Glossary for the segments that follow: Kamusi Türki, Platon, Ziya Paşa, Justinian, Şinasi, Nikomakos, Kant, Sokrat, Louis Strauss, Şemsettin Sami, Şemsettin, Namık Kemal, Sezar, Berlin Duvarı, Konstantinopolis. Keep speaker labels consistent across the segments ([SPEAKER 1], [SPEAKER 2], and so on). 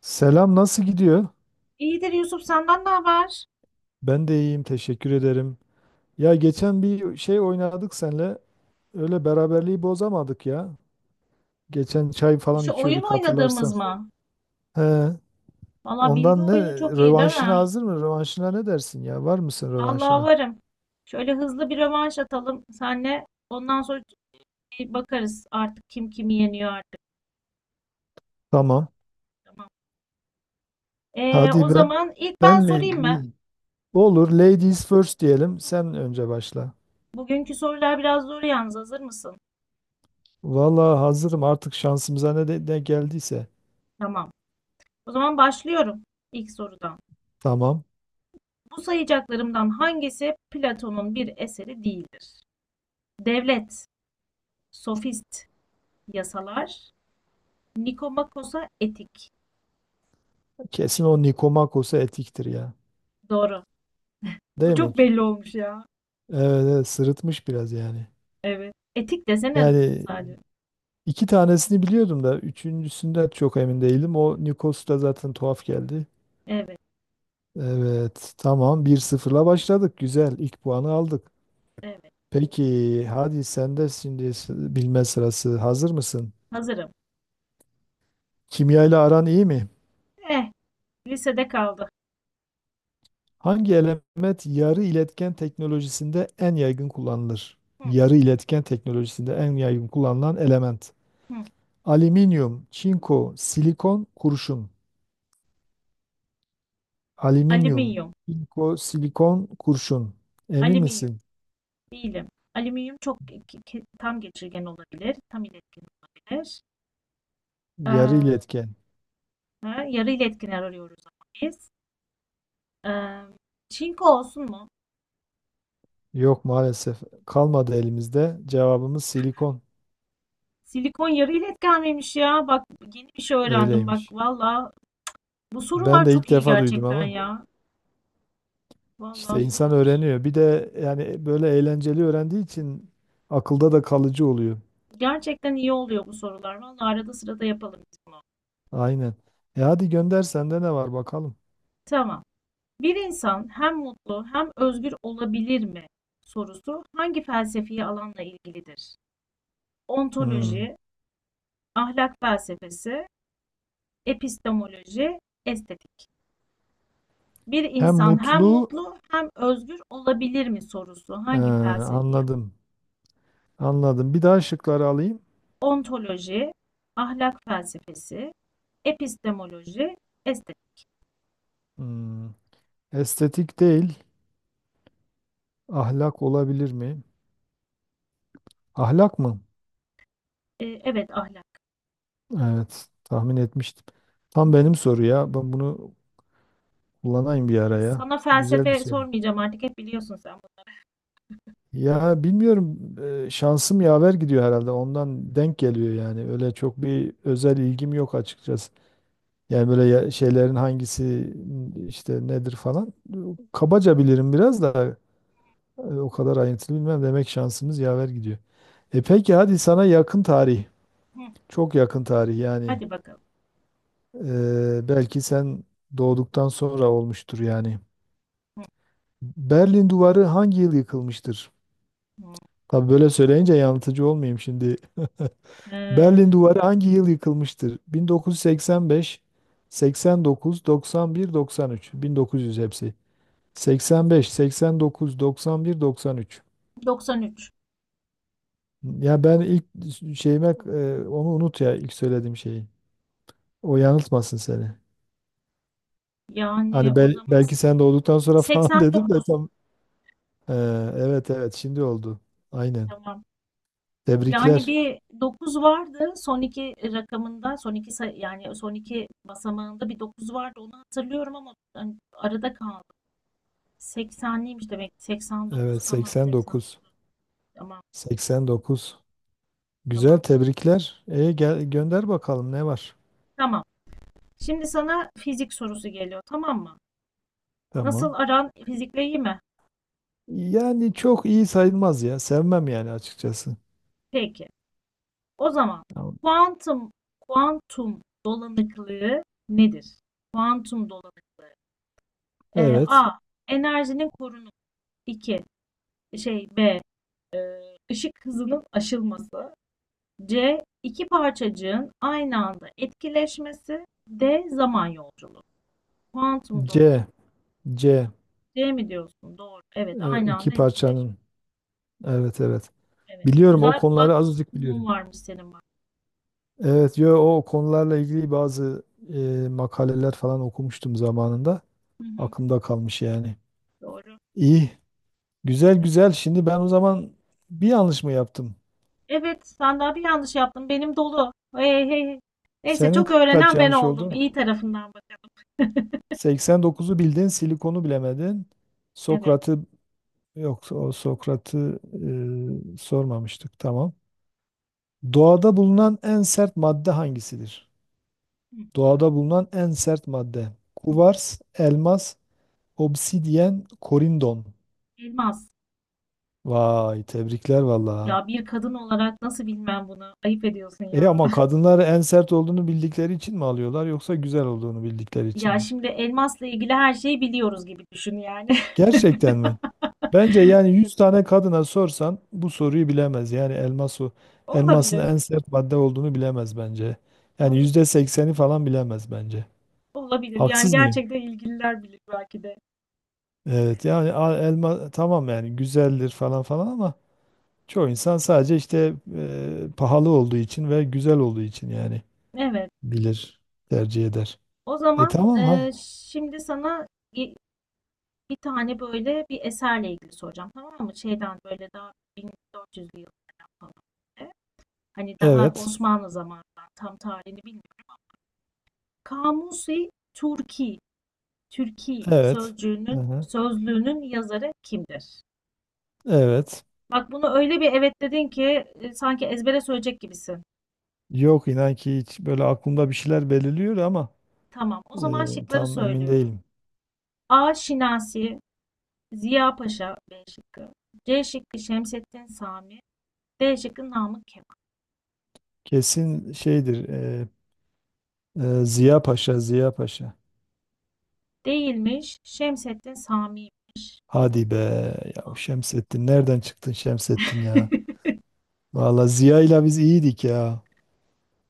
[SPEAKER 1] Selam, nasıl gidiyor?
[SPEAKER 2] İyidir Yusuf, senden ne haber?
[SPEAKER 1] Ben de iyiyim, teşekkür ederim. Ya geçen bir şey oynadık senle. Öyle beraberliği bozamadık ya. Geçen çay falan
[SPEAKER 2] Şu oyun
[SPEAKER 1] içiyorduk hatırlarsan.
[SPEAKER 2] oynadığımız mı?
[SPEAKER 1] He,
[SPEAKER 2] Valla, bilgi
[SPEAKER 1] ondan ne?
[SPEAKER 2] oyunu çok iyi değil
[SPEAKER 1] Rövanşına
[SPEAKER 2] mi?
[SPEAKER 1] hazır mı? Rövanşına ne dersin ya? Var mısın
[SPEAKER 2] Allah
[SPEAKER 1] rövanşına?
[SPEAKER 2] varım. Şöyle hızlı bir rövanş atalım senle. Ondan sonra bir bakarız artık kim kimi yeniyor artık.
[SPEAKER 1] Tamam.
[SPEAKER 2] Tamam. O
[SPEAKER 1] Hadi ben.
[SPEAKER 2] zaman ilk
[SPEAKER 1] Ben
[SPEAKER 2] ben
[SPEAKER 1] mi?
[SPEAKER 2] sorayım mı?
[SPEAKER 1] İyi. Olur. Ladies first diyelim. Sen önce başla.
[SPEAKER 2] Bugünkü sorular biraz zor yalnız. Hazır mısın?
[SPEAKER 1] Vallahi hazırım artık, şansımıza ne, de, ne geldiyse.
[SPEAKER 2] Tamam. O zaman başlıyorum ilk sorudan.
[SPEAKER 1] Tamam.
[SPEAKER 2] Bu sayacaklarımdan hangisi Platon'un bir eseri değildir? Devlet, sofist, yasalar, Nikomakos'a etik.
[SPEAKER 1] Kesin o Nikomakos'a etiktir ya.
[SPEAKER 2] Doğru. Bu
[SPEAKER 1] Değil mi?
[SPEAKER 2] çok belli olmuş ya.
[SPEAKER 1] Evet, evet, sırıtmış biraz yani.
[SPEAKER 2] Evet. Etik desene
[SPEAKER 1] Yani
[SPEAKER 2] sadece.
[SPEAKER 1] iki tanesini biliyordum da üçüncüsünden çok emin değilim. O Nikos da zaten tuhaf geldi.
[SPEAKER 2] Evet,
[SPEAKER 1] Evet tamam, 1-0'la başladık. Güzel, ilk puanı aldık.
[SPEAKER 2] evet.
[SPEAKER 1] Peki, hadi sen de şimdi bilme sırası, hazır mısın?
[SPEAKER 2] Hazırım.
[SPEAKER 1] Kimya ile aran iyi mi?
[SPEAKER 2] Eh, lisede kaldı.
[SPEAKER 1] Hangi element yarı iletken teknolojisinde en yaygın kullanılır?
[SPEAKER 2] Hı,
[SPEAKER 1] Yarı iletken teknolojisinde en yaygın kullanılan element.
[SPEAKER 2] hı.
[SPEAKER 1] Alüminyum, çinko, silikon, kurşun. Alüminyum,
[SPEAKER 2] Alüminyum,
[SPEAKER 1] Silikon, kurşun. Emin
[SPEAKER 2] alüminyum.
[SPEAKER 1] misin?
[SPEAKER 2] Değilim. Alüminyum çok tam geçirgen olabilir, tam iletken olabilir.
[SPEAKER 1] Yarı
[SPEAKER 2] Ee,
[SPEAKER 1] iletken.
[SPEAKER 2] ha, yarı iletkenler arıyoruz ama biz. Ee, Çinko olsun mu?
[SPEAKER 1] Yok maalesef. Kalmadı elimizde. Cevabımız silikon.
[SPEAKER 2] Silikon yarı iletken miymiş ya? Bak, yeni bir şey öğrendim bak.
[SPEAKER 1] Öyleymiş.
[SPEAKER 2] Valla, bu
[SPEAKER 1] Ben
[SPEAKER 2] sorular
[SPEAKER 1] de
[SPEAKER 2] çok
[SPEAKER 1] ilk
[SPEAKER 2] iyi
[SPEAKER 1] defa duydum
[SPEAKER 2] gerçekten
[SPEAKER 1] ama.
[SPEAKER 2] ya. Valla
[SPEAKER 1] İşte insan
[SPEAKER 2] süper.
[SPEAKER 1] öğreniyor. Bir de yani böyle eğlenceli öğrendiği için akılda da kalıcı oluyor.
[SPEAKER 2] Gerçekten iyi oluyor bu sorular. Vallahi arada sırada yapalım biz bunu.
[SPEAKER 1] Aynen. E hadi gönder, sende ne var bakalım.
[SPEAKER 2] Tamam. Bir insan hem mutlu hem özgür olabilir mi sorusu hangi felsefi alanla ilgilidir?
[SPEAKER 1] Hmm.
[SPEAKER 2] Ontoloji, ahlak felsefesi, epistemoloji, estetik. Bir
[SPEAKER 1] Hem
[SPEAKER 2] insan hem
[SPEAKER 1] mutlu,
[SPEAKER 2] mutlu hem özgür olabilir mi sorusu
[SPEAKER 1] he,
[SPEAKER 2] hangi felsefi?
[SPEAKER 1] anladım. Anladım. Bir daha şıkları alayım.
[SPEAKER 2] Ontoloji, ahlak felsefesi, epistemoloji, estetik.
[SPEAKER 1] Hmm. Estetik değil, ahlak olabilir mi? Ahlak mı?
[SPEAKER 2] Evet, ahlak.
[SPEAKER 1] Evet, tahmin etmiştim. Tam benim soru ya. Ben bunu kullanayım bir araya.
[SPEAKER 2] Sana
[SPEAKER 1] Güzel bir
[SPEAKER 2] felsefe
[SPEAKER 1] soru.
[SPEAKER 2] sormayacağım artık, hep biliyorsun sen
[SPEAKER 1] Ya bilmiyorum, şansım yaver gidiyor herhalde. Ondan denk geliyor yani. Öyle çok bir özel ilgim yok açıkçası. Yani böyle şeylerin hangisi işte nedir falan. Kabaca bilirim biraz da, o kadar ayrıntılı bilmem. Demek şansımız yaver gidiyor. E peki, hadi sana yakın tarih.
[SPEAKER 2] bunu.
[SPEAKER 1] Çok yakın tarih yani.
[SPEAKER 2] Hadi bakalım.
[SPEAKER 1] Belki sen doğduktan sonra olmuştur yani.
[SPEAKER 2] Hı
[SPEAKER 1] Berlin Duvarı hangi yıl yıkılmıştır?
[SPEAKER 2] hı.
[SPEAKER 1] Tabii böyle söyleyince yanıltıcı olmayayım şimdi. Berlin
[SPEAKER 2] Ee,
[SPEAKER 1] Duvarı hangi yıl yıkılmıştır? 1985, 89, 91, 93. 1900 hepsi. 85, 89, 91, 93.
[SPEAKER 2] 93.
[SPEAKER 1] Ya ben ilk şeyime, onu unut ya, ilk söylediğim şeyi. O yanıltmasın seni.
[SPEAKER 2] Yani
[SPEAKER 1] Hani
[SPEAKER 2] o zaman
[SPEAKER 1] belki sen doğduktan sonra falan dedim de
[SPEAKER 2] 89.
[SPEAKER 1] tam. Ee, evet, evet, şimdi oldu. Aynen.
[SPEAKER 2] Tamam. Yani
[SPEAKER 1] Tebrikler.
[SPEAKER 2] bir dokuz vardı son iki rakamında, yani son iki basamağında bir 9 vardı. Onu hatırlıyorum ama hani arada kaldı. 80'liymiş demek. 89,
[SPEAKER 1] Evet,
[SPEAKER 2] tamam.
[SPEAKER 1] 89.
[SPEAKER 2] 89, tamam,
[SPEAKER 1] 89. Güzel,
[SPEAKER 2] tamamdır.
[SPEAKER 1] tebrikler. E, gel gönder bakalım ne var?
[SPEAKER 2] Tamam. Şimdi sana fizik sorusu geliyor, tamam mı? Nasıl,
[SPEAKER 1] Tamam.
[SPEAKER 2] aran fizikle iyi mi?
[SPEAKER 1] Yani çok iyi sayılmaz ya. Sevmem yani açıkçası.
[SPEAKER 2] Peki. O zaman
[SPEAKER 1] Tamam.
[SPEAKER 2] kuantum kuantum dolanıklığı nedir? Kuantum dolanıklığı.
[SPEAKER 1] Evet.
[SPEAKER 2] A. Enerjinin korunumu. 2. B. Işık hızının aşılması. C. İki parçacığın aynı anda etkileşmesi. D. Zaman yolculuğu. Kuantum dolanıklığı.
[SPEAKER 1] C. C.
[SPEAKER 2] C mi diyorsun? Doğru. Evet, aynı
[SPEAKER 1] İki
[SPEAKER 2] anda etkileşme.
[SPEAKER 1] parçanın. Evet, evet.
[SPEAKER 2] Evet.
[SPEAKER 1] Biliyorum, o
[SPEAKER 2] Güzel,
[SPEAKER 1] konuları
[SPEAKER 2] kulak
[SPEAKER 1] azıcık
[SPEAKER 2] dolgunluğun
[SPEAKER 1] biliyorum.
[SPEAKER 2] varmış senin bak.
[SPEAKER 1] Evet, yo, o konularla ilgili bazı, makaleler falan okumuştum zamanında.
[SPEAKER 2] Hı hı.
[SPEAKER 1] Aklımda kalmış yani.
[SPEAKER 2] Doğru.
[SPEAKER 1] İyi. Güzel, güzel. Şimdi ben o zaman bir yanlış mı yaptım?
[SPEAKER 2] Evet, ben daha bir yanlış yaptım. Benim dolu. Hey, hey, hey. Neyse,
[SPEAKER 1] Senin
[SPEAKER 2] çok
[SPEAKER 1] kaç
[SPEAKER 2] öğrenen ben
[SPEAKER 1] yanlış
[SPEAKER 2] oldum.
[SPEAKER 1] oldu?
[SPEAKER 2] İyi tarafından bakalım.
[SPEAKER 1] 89'u bildin, silikonu bilemedin.
[SPEAKER 2] Evet.
[SPEAKER 1] Sokrat'ı, yok, o Sokrat'ı sormamıştık. Tamam. Doğada bulunan en sert madde hangisidir?
[SPEAKER 2] Hı,
[SPEAKER 1] Doğada bulunan en sert madde.
[SPEAKER 2] hı.
[SPEAKER 1] Kuvars, elmas, obsidyen, korindon.
[SPEAKER 2] Elmas.
[SPEAKER 1] Vay, tebrikler vallahi.
[SPEAKER 2] Ya, bir kadın olarak nasıl bilmem bunu? Ayıp ediyorsun
[SPEAKER 1] E
[SPEAKER 2] ya.
[SPEAKER 1] ama kadınlar en sert olduğunu bildikleri için mi alıyorlar, yoksa güzel olduğunu bildikleri için
[SPEAKER 2] Ya
[SPEAKER 1] mi?
[SPEAKER 2] şimdi elmasla ilgili her şeyi biliyoruz gibi düşün yani.
[SPEAKER 1] Gerçekten mi? Bence yani 100 tane kadına sorsan bu soruyu bilemez. Yani elmas o. Elmasın
[SPEAKER 2] Olabilir.
[SPEAKER 1] en sert madde olduğunu bilemez bence. Yani
[SPEAKER 2] Olabilir.
[SPEAKER 1] %80'i falan bilemez bence.
[SPEAKER 2] Olabilir. Yani
[SPEAKER 1] Haksız mıyım?
[SPEAKER 2] gerçekten ilgililer bilir belki de.
[SPEAKER 1] Evet yani elma tamam yani, güzeldir falan falan ama çoğu insan sadece işte, pahalı olduğu için ve güzel olduğu için yani
[SPEAKER 2] Evet.
[SPEAKER 1] bilir, tercih eder.
[SPEAKER 2] O
[SPEAKER 1] E
[SPEAKER 2] zaman
[SPEAKER 1] tamam ha.
[SPEAKER 2] şimdi sana bir tane böyle bir eserle ilgili soracağım, tamam mı? Şeyden, böyle daha 1400'lü yıllardan falan, böyle. Hani daha
[SPEAKER 1] Evet.
[SPEAKER 2] Osmanlı zamanından, tam tarihini bilmiyorum. Kamusi Türki, Türki
[SPEAKER 1] Evet.
[SPEAKER 2] sözcüğünün
[SPEAKER 1] Aha,
[SPEAKER 2] sözlüğünün yazarı kimdir?
[SPEAKER 1] evet.
[SPEAKER 2] Bak, bunu öyle bir evet dedin ki sanki ezbere söyleyecek gibisin.
[SPEAKER 1] Yok, inan ki hiç, böyle aklımda bir şeyler belirliyor ama,
[SPEAKER 2] Tamam. O zaman şıkları
[SPEAKER 1] tam emin
[SPEAKER 2] söylüyorum.
[SPEAKER 1] değilim.
[SPEAKER 2] A. Şinasi, Ziya Paşa B şıkkı. C şıkkı Şemsettin Sami, D şıkkı Namık Kemal.
[SPEAKER 1] Kesin şeydir. Ziya Paşa, Ziya Paşa.
[SPEAKER 2] Değilmiş. Şemsettin Sami'ymiş bu.
[SPEAKER 1] Hadi be ya, o Şemsettin nereden çıktın Şemsettin ya? Valla Ziya ile biz iyiydik ya.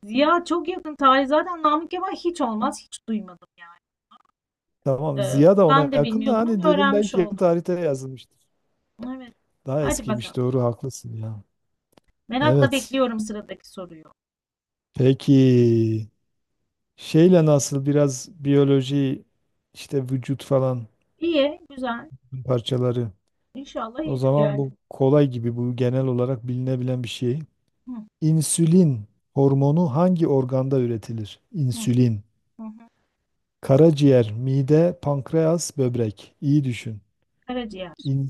[SPEAKER 2] Ziya çok yakın tarih. Zaten Namık Kemal hiç olmaz. Hiç duymadım yani.
[SPEAKER 1] Tamam, Ziya da ona
[SPEAKER 2] Ben de
[SPEAKER 1] yakın da,
[SPEAKER 2] bilmiyordum
[SPEAKER 1] hani
[SPEAKER 2] ama
[SPEAKER 1] dedim
[SPEAKER 2] öğrenmiş
[SPEAKER 1] belki yakın
[SPEAKER 2] oldum.
[SPEAKER 1] tarihte yazılmıştır.
[SPEAKER 2] Evet.
[SPEAKER 1] Daha
[SPEAKER 2] Hadi
[SPEAKER 1] eskiymiş,
[SPEAKER 2] bakalım.
[SPEAKER 1] doğru, haklısın ya.
[SPEAKER 2] Merakla
[SPEAKER 1] Evet.
[SPEAKER 2] bekliyorum sıradaki soruyu.
[SPEAKER 1] Peki şeyle nasıl, biraz biyoloji işte, vücut falan
[SPEAKER 2] İyi, güzel.
[SPEAKER 1] parçaları.
[SPEAKER 2] İnşallah
[SPEAKER 1] O
[SPEAKER 2] iyidir
[SPEAKER 1] zaman
[SPEAKER 2] yani.
[SPEAKER 1] bu kolay gibi, bu genel olarak bilinebilen bir şey.
[SPEAKER 2] Hı,
[SPEAKER 1] İnsülin hormonu hangi organda üretilir?
[SPEAKER 2] hı,
[SPEAKER 1] İnsülin.
[SPEAKER 2] hı, hı.
[SPEAKER 1] Karaciğer, mide, pankreas, böbrek. İyi düşün.
[SPEAKER 2] Karaciğer.
[SPEAKER 1] İn,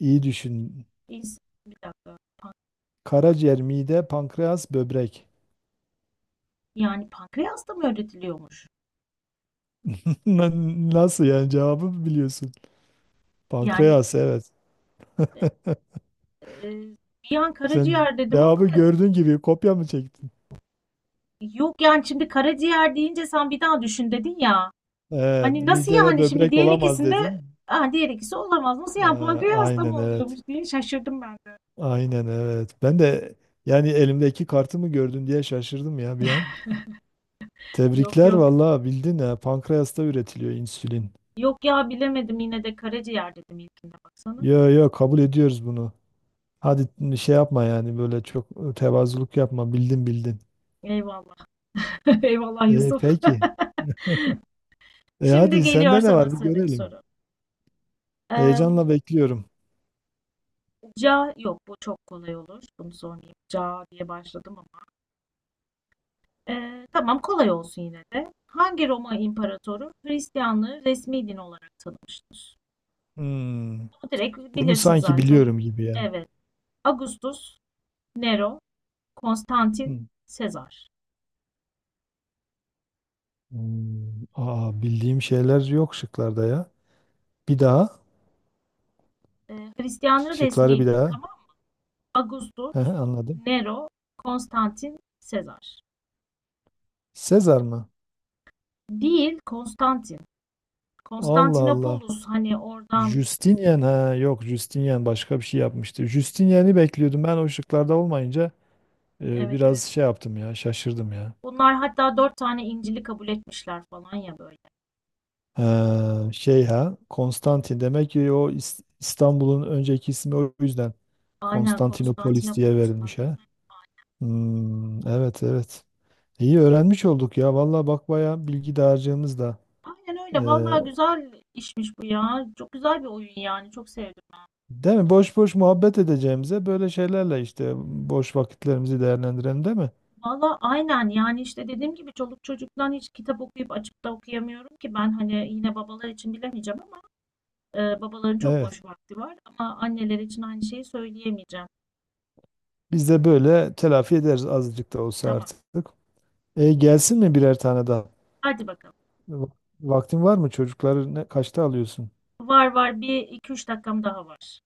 [SPEAKER 1] iyi düşün.
[SPEAKER 2] İns- Bir dakika.
[SPEAKER 1] Karaciğer, mide, pankreas, böbrek.
[SPEAKER 2] Yani pankreas da mı öğretiliyormuş?
[SPEAKER 1] Na- Nasıl yani, cevabı biliyorsun.
[SPEAKER 2] Yani
[SPEAKER 1] Pankreas, evet.
[SPEAKER 2] e, bir an
[SPEAKER 1] Sen
[SPEAKER 2] karaciğer dedim ama
[SPEAKER 1] cevabı gördüğün gibi kopya mı çektin?
[SPEAKER 2] yok, yani şimdi karaciğer deyince sen bir daha düşün dedin ya. Hani nasıl
[SPEAKER 1] Mide ve
[SPEAKER 2] yani, şimdi
[SPEAKER 1] böbrek
[SPEAKER 2] diğer
[SPEAKER 1] olamaz
[SPEAKER 2] ikisinde
[SPEAKER 1] dedin.
[SPEAKER 2] ha, diğer ikisi olamaz. Nasıl
[SPEAKER 1] Ee,
[SPEAKER 2] yani, pankreasla mı
[SPEAKER 1] aynen,
[SPEAKER 2] oluyormuş
[SPEAKER 1] evet.
[SPEAKER 2] diye şaşırdım ben de.
[SPEAKER 1] Aynen, evet. Ben de yani elimdeki kartı mı gördün diye şaşırdım ya bir an.
[SPEAKER 2] Yok
[SPEAKER 1] Tebrikler
[SPEAKER 2] yok.
[SPEAKER 1] vallahi, bildin ha. Pankreasta üretiliyor insülin.
[SPEAKER 2] Yok ya, bilemedim yine de, karaciğer dedim ilkinde baksana.
[SPEAKER 1] Yo, yo, kabul ediyoruz bunu. Hadi şey yapma yani, böyle çok tevazuluk yapma. Bildin, bildin.
[SPEAKER 2] Eyvallah. Eyvallah
[SPEAKER 1] E,
[SPEAKER 2] Yusuf.
[SPEAKER 1] peki. E
[SPEAKER 2] Şimdi
[SPEAKER 1] hadi
[SPEAKER 2] geliyor
[SPEAKER 1] sende ne
[SPEAKER 2] sana
[SPEAKER 1] var, bir
[SPEAKER 2] sıradaki
[SPEAKER 1] görelim.
[SPEAKER 2] soru. Eee,
[SPEAKER 1] Heyecanla bekliyorum.
[SPEAKER 2] Ca yok, bu çok kolay olur. Bunu sormayayım. Ca diye başladım ama. Tamam, kolay olsun yine de. Hangi Roma imparatoru Hristiyanlığı resmi din olarak tanımıştır?
[SPEAKER 1] Hmm,
[SPEAKER 2] Bunu direkt
[SPEAKER 1] Bunu
[SPEAKER 2] bilirsin
[SPEAKER 1] sanki
[SPEAKER 2] zaten.
[SPEAKER 1] biliyorum gibi yani.
[SPEAKER 2] Evet. Augustus, Nero, Konstantin,
[SPEAKER 1] Hmm.
[SPEAKER 2] Sezar.
[SPEAKER 1] Hmm, aa, bildiğim şeyler yok şıklarda ya. Bir daha.
[SPEAKER 2] Hristiyanlığın
[SPEAKER 1] Şıkları bir
[SPEAKER 2] resmiydi.
[SPEAKER 1] daha.
[SPEAKER 2] Tamam. Augustus,
[SPEAKER 1] Hı hı, anladım.
[SPEAKER 2] Nero, Konstantin, Sezar.
[SPEAKER 1] Sezar mı?
[SPEAKER 2] Değil, Konstantin.
[SPEAKER 1] Allah Allah.
[SPEAKER 2] Konstantinopolis, hani oradan.
[SPEAKER 1] Justinian, ha yok, Justinian başka bir şey yapmıştı. Justinian'i bekliyordum, ben o şıklarda olmayınca
[SPEAKER 2] Evet,
[SPEAKER 1] biraz
[SPEAKER 2] evet.
[SPEAKER 1] şey yaptım ya, şaşırdım ya.
[SPEAKER 2] Bunlar hatta dört tane İncil'i kabul etmişler falan ya, böyle.
[SPEAKER 1] Ha, şey, ha Konstantin, demek ki o İstanbul'un önceki ismi, o yüzden
[SPEAKER 2] Aynen,
[SPEAKER 1] Konstantinopolis diye
[SPEAKER 2] Konstantinopolis'ten.
[SPEAKER 1] verilmiş ha. Hmm, evet, evet. İyi öğrenmiş olduk ya. Vallahi bak, bayağı bilgi dağarcığımız da.
[SPEAKER 2] Aynen
[SPEAKER 1] e,
[SPEAKER 2] öyle. Vallahi güzel işmiş bu ya. Çok güzel bir oyun yani. Çok sevdim.
[SPEAKER 1] değil mi? Boş boş muhabbet edeceğimize, böyle şeylerle işte boş vakitlerimizi değerlendirelim, değil mi?
[SPEAKER 2] Valla aynen, yani işte dediğim gibi çoluk çocuktan hiç kitap okuyup açıp da okuyamıyorum ki ben, hani yine babalar için bilemeyeceğim ama babaların çok
[SPEAKER 1] Evet.
[SPEAKER 2] boş vakti var ama anneler için aynı şeyi söyleyemeyeceğim.
[SPEAKER 1] Biz de böyle telafi ederiz azıcık da olsa
[SPEAKER 2] Tamam,
[SPEAKER 1] artık. E, gelsin mi birer tane daha?
[SPEAKER 2] hadi bakalım.
[SPEAKER 1] Va- Vaktin var mı? Çocukları ne, kaçta alıyorsun?
[SPEAKER 2] Var var, bir iki üç dakikam daha var.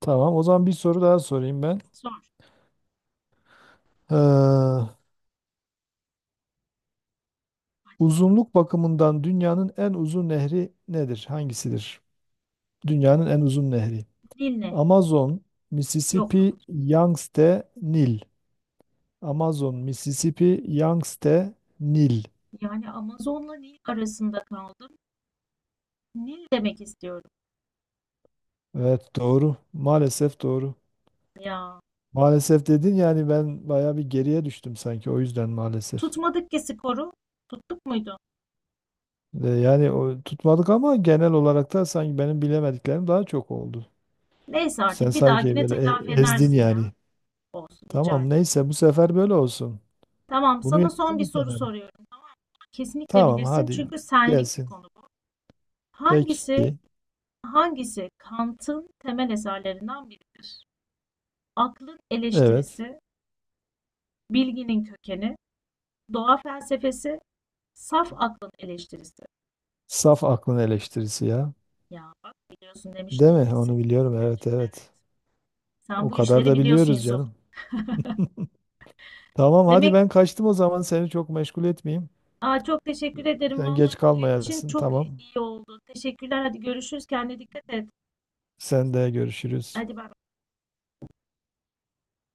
[SPEAKER 1] Tamam, o zaman bir soru daha sorayım ben.
[SPEAKER 2] Sor.
[SPEAKER 1] Ee,
[SPEAKER 2] Hadi.
[SPEAKER 1] uzunluk bakımından dünyanın en uzun nehri nedir? Hangisidir? Dünyanın en uzun nehri.
[SPEAKER 2] Nil ne?
[SPEAKER 1] Amazon,
[SPEAKER 2] Yok
[SPEAKER 1] Mississippi, Yangtze, Nil. Amazon, Mississippi, Yangtze, Nil.
[SPEAKER 2] yani Amazon'la Nil arasında kaldım. Nil demek istiyorum
[SPEAKER 1] Evet, doğru. Maalesef doğru.
[SPEAKER 2] ya.
[SPEAKER 1] Maalesef dedin yani, ben bayağı bir geriye düştüm sanki, o yüzden maalesef.
[SPEAKER 2] Tutmadık ki skoru. Tuttuk muydu?
[SPEAKER 1] E, yani o, tutmadık ama genel olarak da sanki benim bilemediklerim daha çok oldu.
[SPEAKER 2] Neyse,
[SPEAKER 1] Sen
[SPEAKER 2] artık bir
[SPEAKER 1] sanki
[SPEAKER 2] dahakine
[SPEAKER 1] böyle
[SPEAKER 2] telafi
[SPEAKER 1] ezdin
[SPEAKER 2] edersin ya.
[SPEAKER 1] yani.
[SPEAKER 2] Olsun, rica
[SPEAKER 1] Tamam
[SPEAKER 2] ederim.
[SPEAKER 1] neyse, bu sefer böyle olsun.
[SPEAKER 2] Tamam,
[SPEAKER 1] Bunu
[SPEAKER 2] sana
[SPEAKER 1] yaptın
[SPEAKER 2] son bir
[SPEAKER 1] bir
[SPEAKER 2] soru
[SPEAKER 1] kenara.
[SPEAKER 2] soruyorum. Tamam mı? Kesinlikle
[SPEAKER 1] Tamam
[SPEAKER 2] bilirsin
[SPEAKER 1] hadi,
[SPEAKER 2] çünkü senlik bir
[SPEAKER 1] gelsin.
[SPEAKER 2] konu bu. Hangisi,
[SPEAKER 1] Peki.
[SPEAKER 2] hangisi Kant'ın temel eserlerinden biridir? Aklın
[SPEAKER 1] Evet.
[SPEAKER 2] eleştirisi, bilginin kökeni, doğa felsefesi, saf aklın eleştirisi.
[SPEAKER 1] Saf aklın eleştirisi ya.
[SPEAKER 2] Ya bak, biliyorsun
[SPEAKER 1] Değil
[SPEAKER 2] demiştim,
[SPEAKER 1] mi?
[SPEAKER 2] kesin.
[SPEAKER 1] Onu biliyorum.
[SPEAKER 2] Kesin
[SPEAKER 1] Evet,
[SPEAKER 2] demiştim, evet.
[SPEAKER 1] evet.
[SPEAKER 2] Sen
[SPEAKER 1] O
[SPEAKER 2] bu
[SPEAKER 1] kadar
[SPEAKER 2] işleri
[SPEAKER 1] da
[SPEAKER 2] biliyorsun
[SPEAKER 1] biliyoruz
[SPEAKER 2] Yusuf.
[SPEAKER 1] canım. Tamam hadi
[SPEAKER 2] Demek
[SPEAKER 1] ben kaçtım, o zaman seni çok meşgul etmeyeyim.
[SPEAKER 2] Aa, çok teşekkür ederim.
[SPEAKER 1] Sen
[SPEAKER 2] Vallahi
[SPEAKER 1] geç
[SPEAKER 2] bu oyun için
[SPEAKER 1] kalmayasın.
[SPEAKER 2] çok
[SPEAKER 1] Tamam.
[SPEAKER 2] iyi oldu. Teşekkürler. Hadi görüşürüz. Kendine dikkat et.
[SPEAKER 1] Sen de, görüşürüz.
[SPEAKER 2] Hadi bay bay.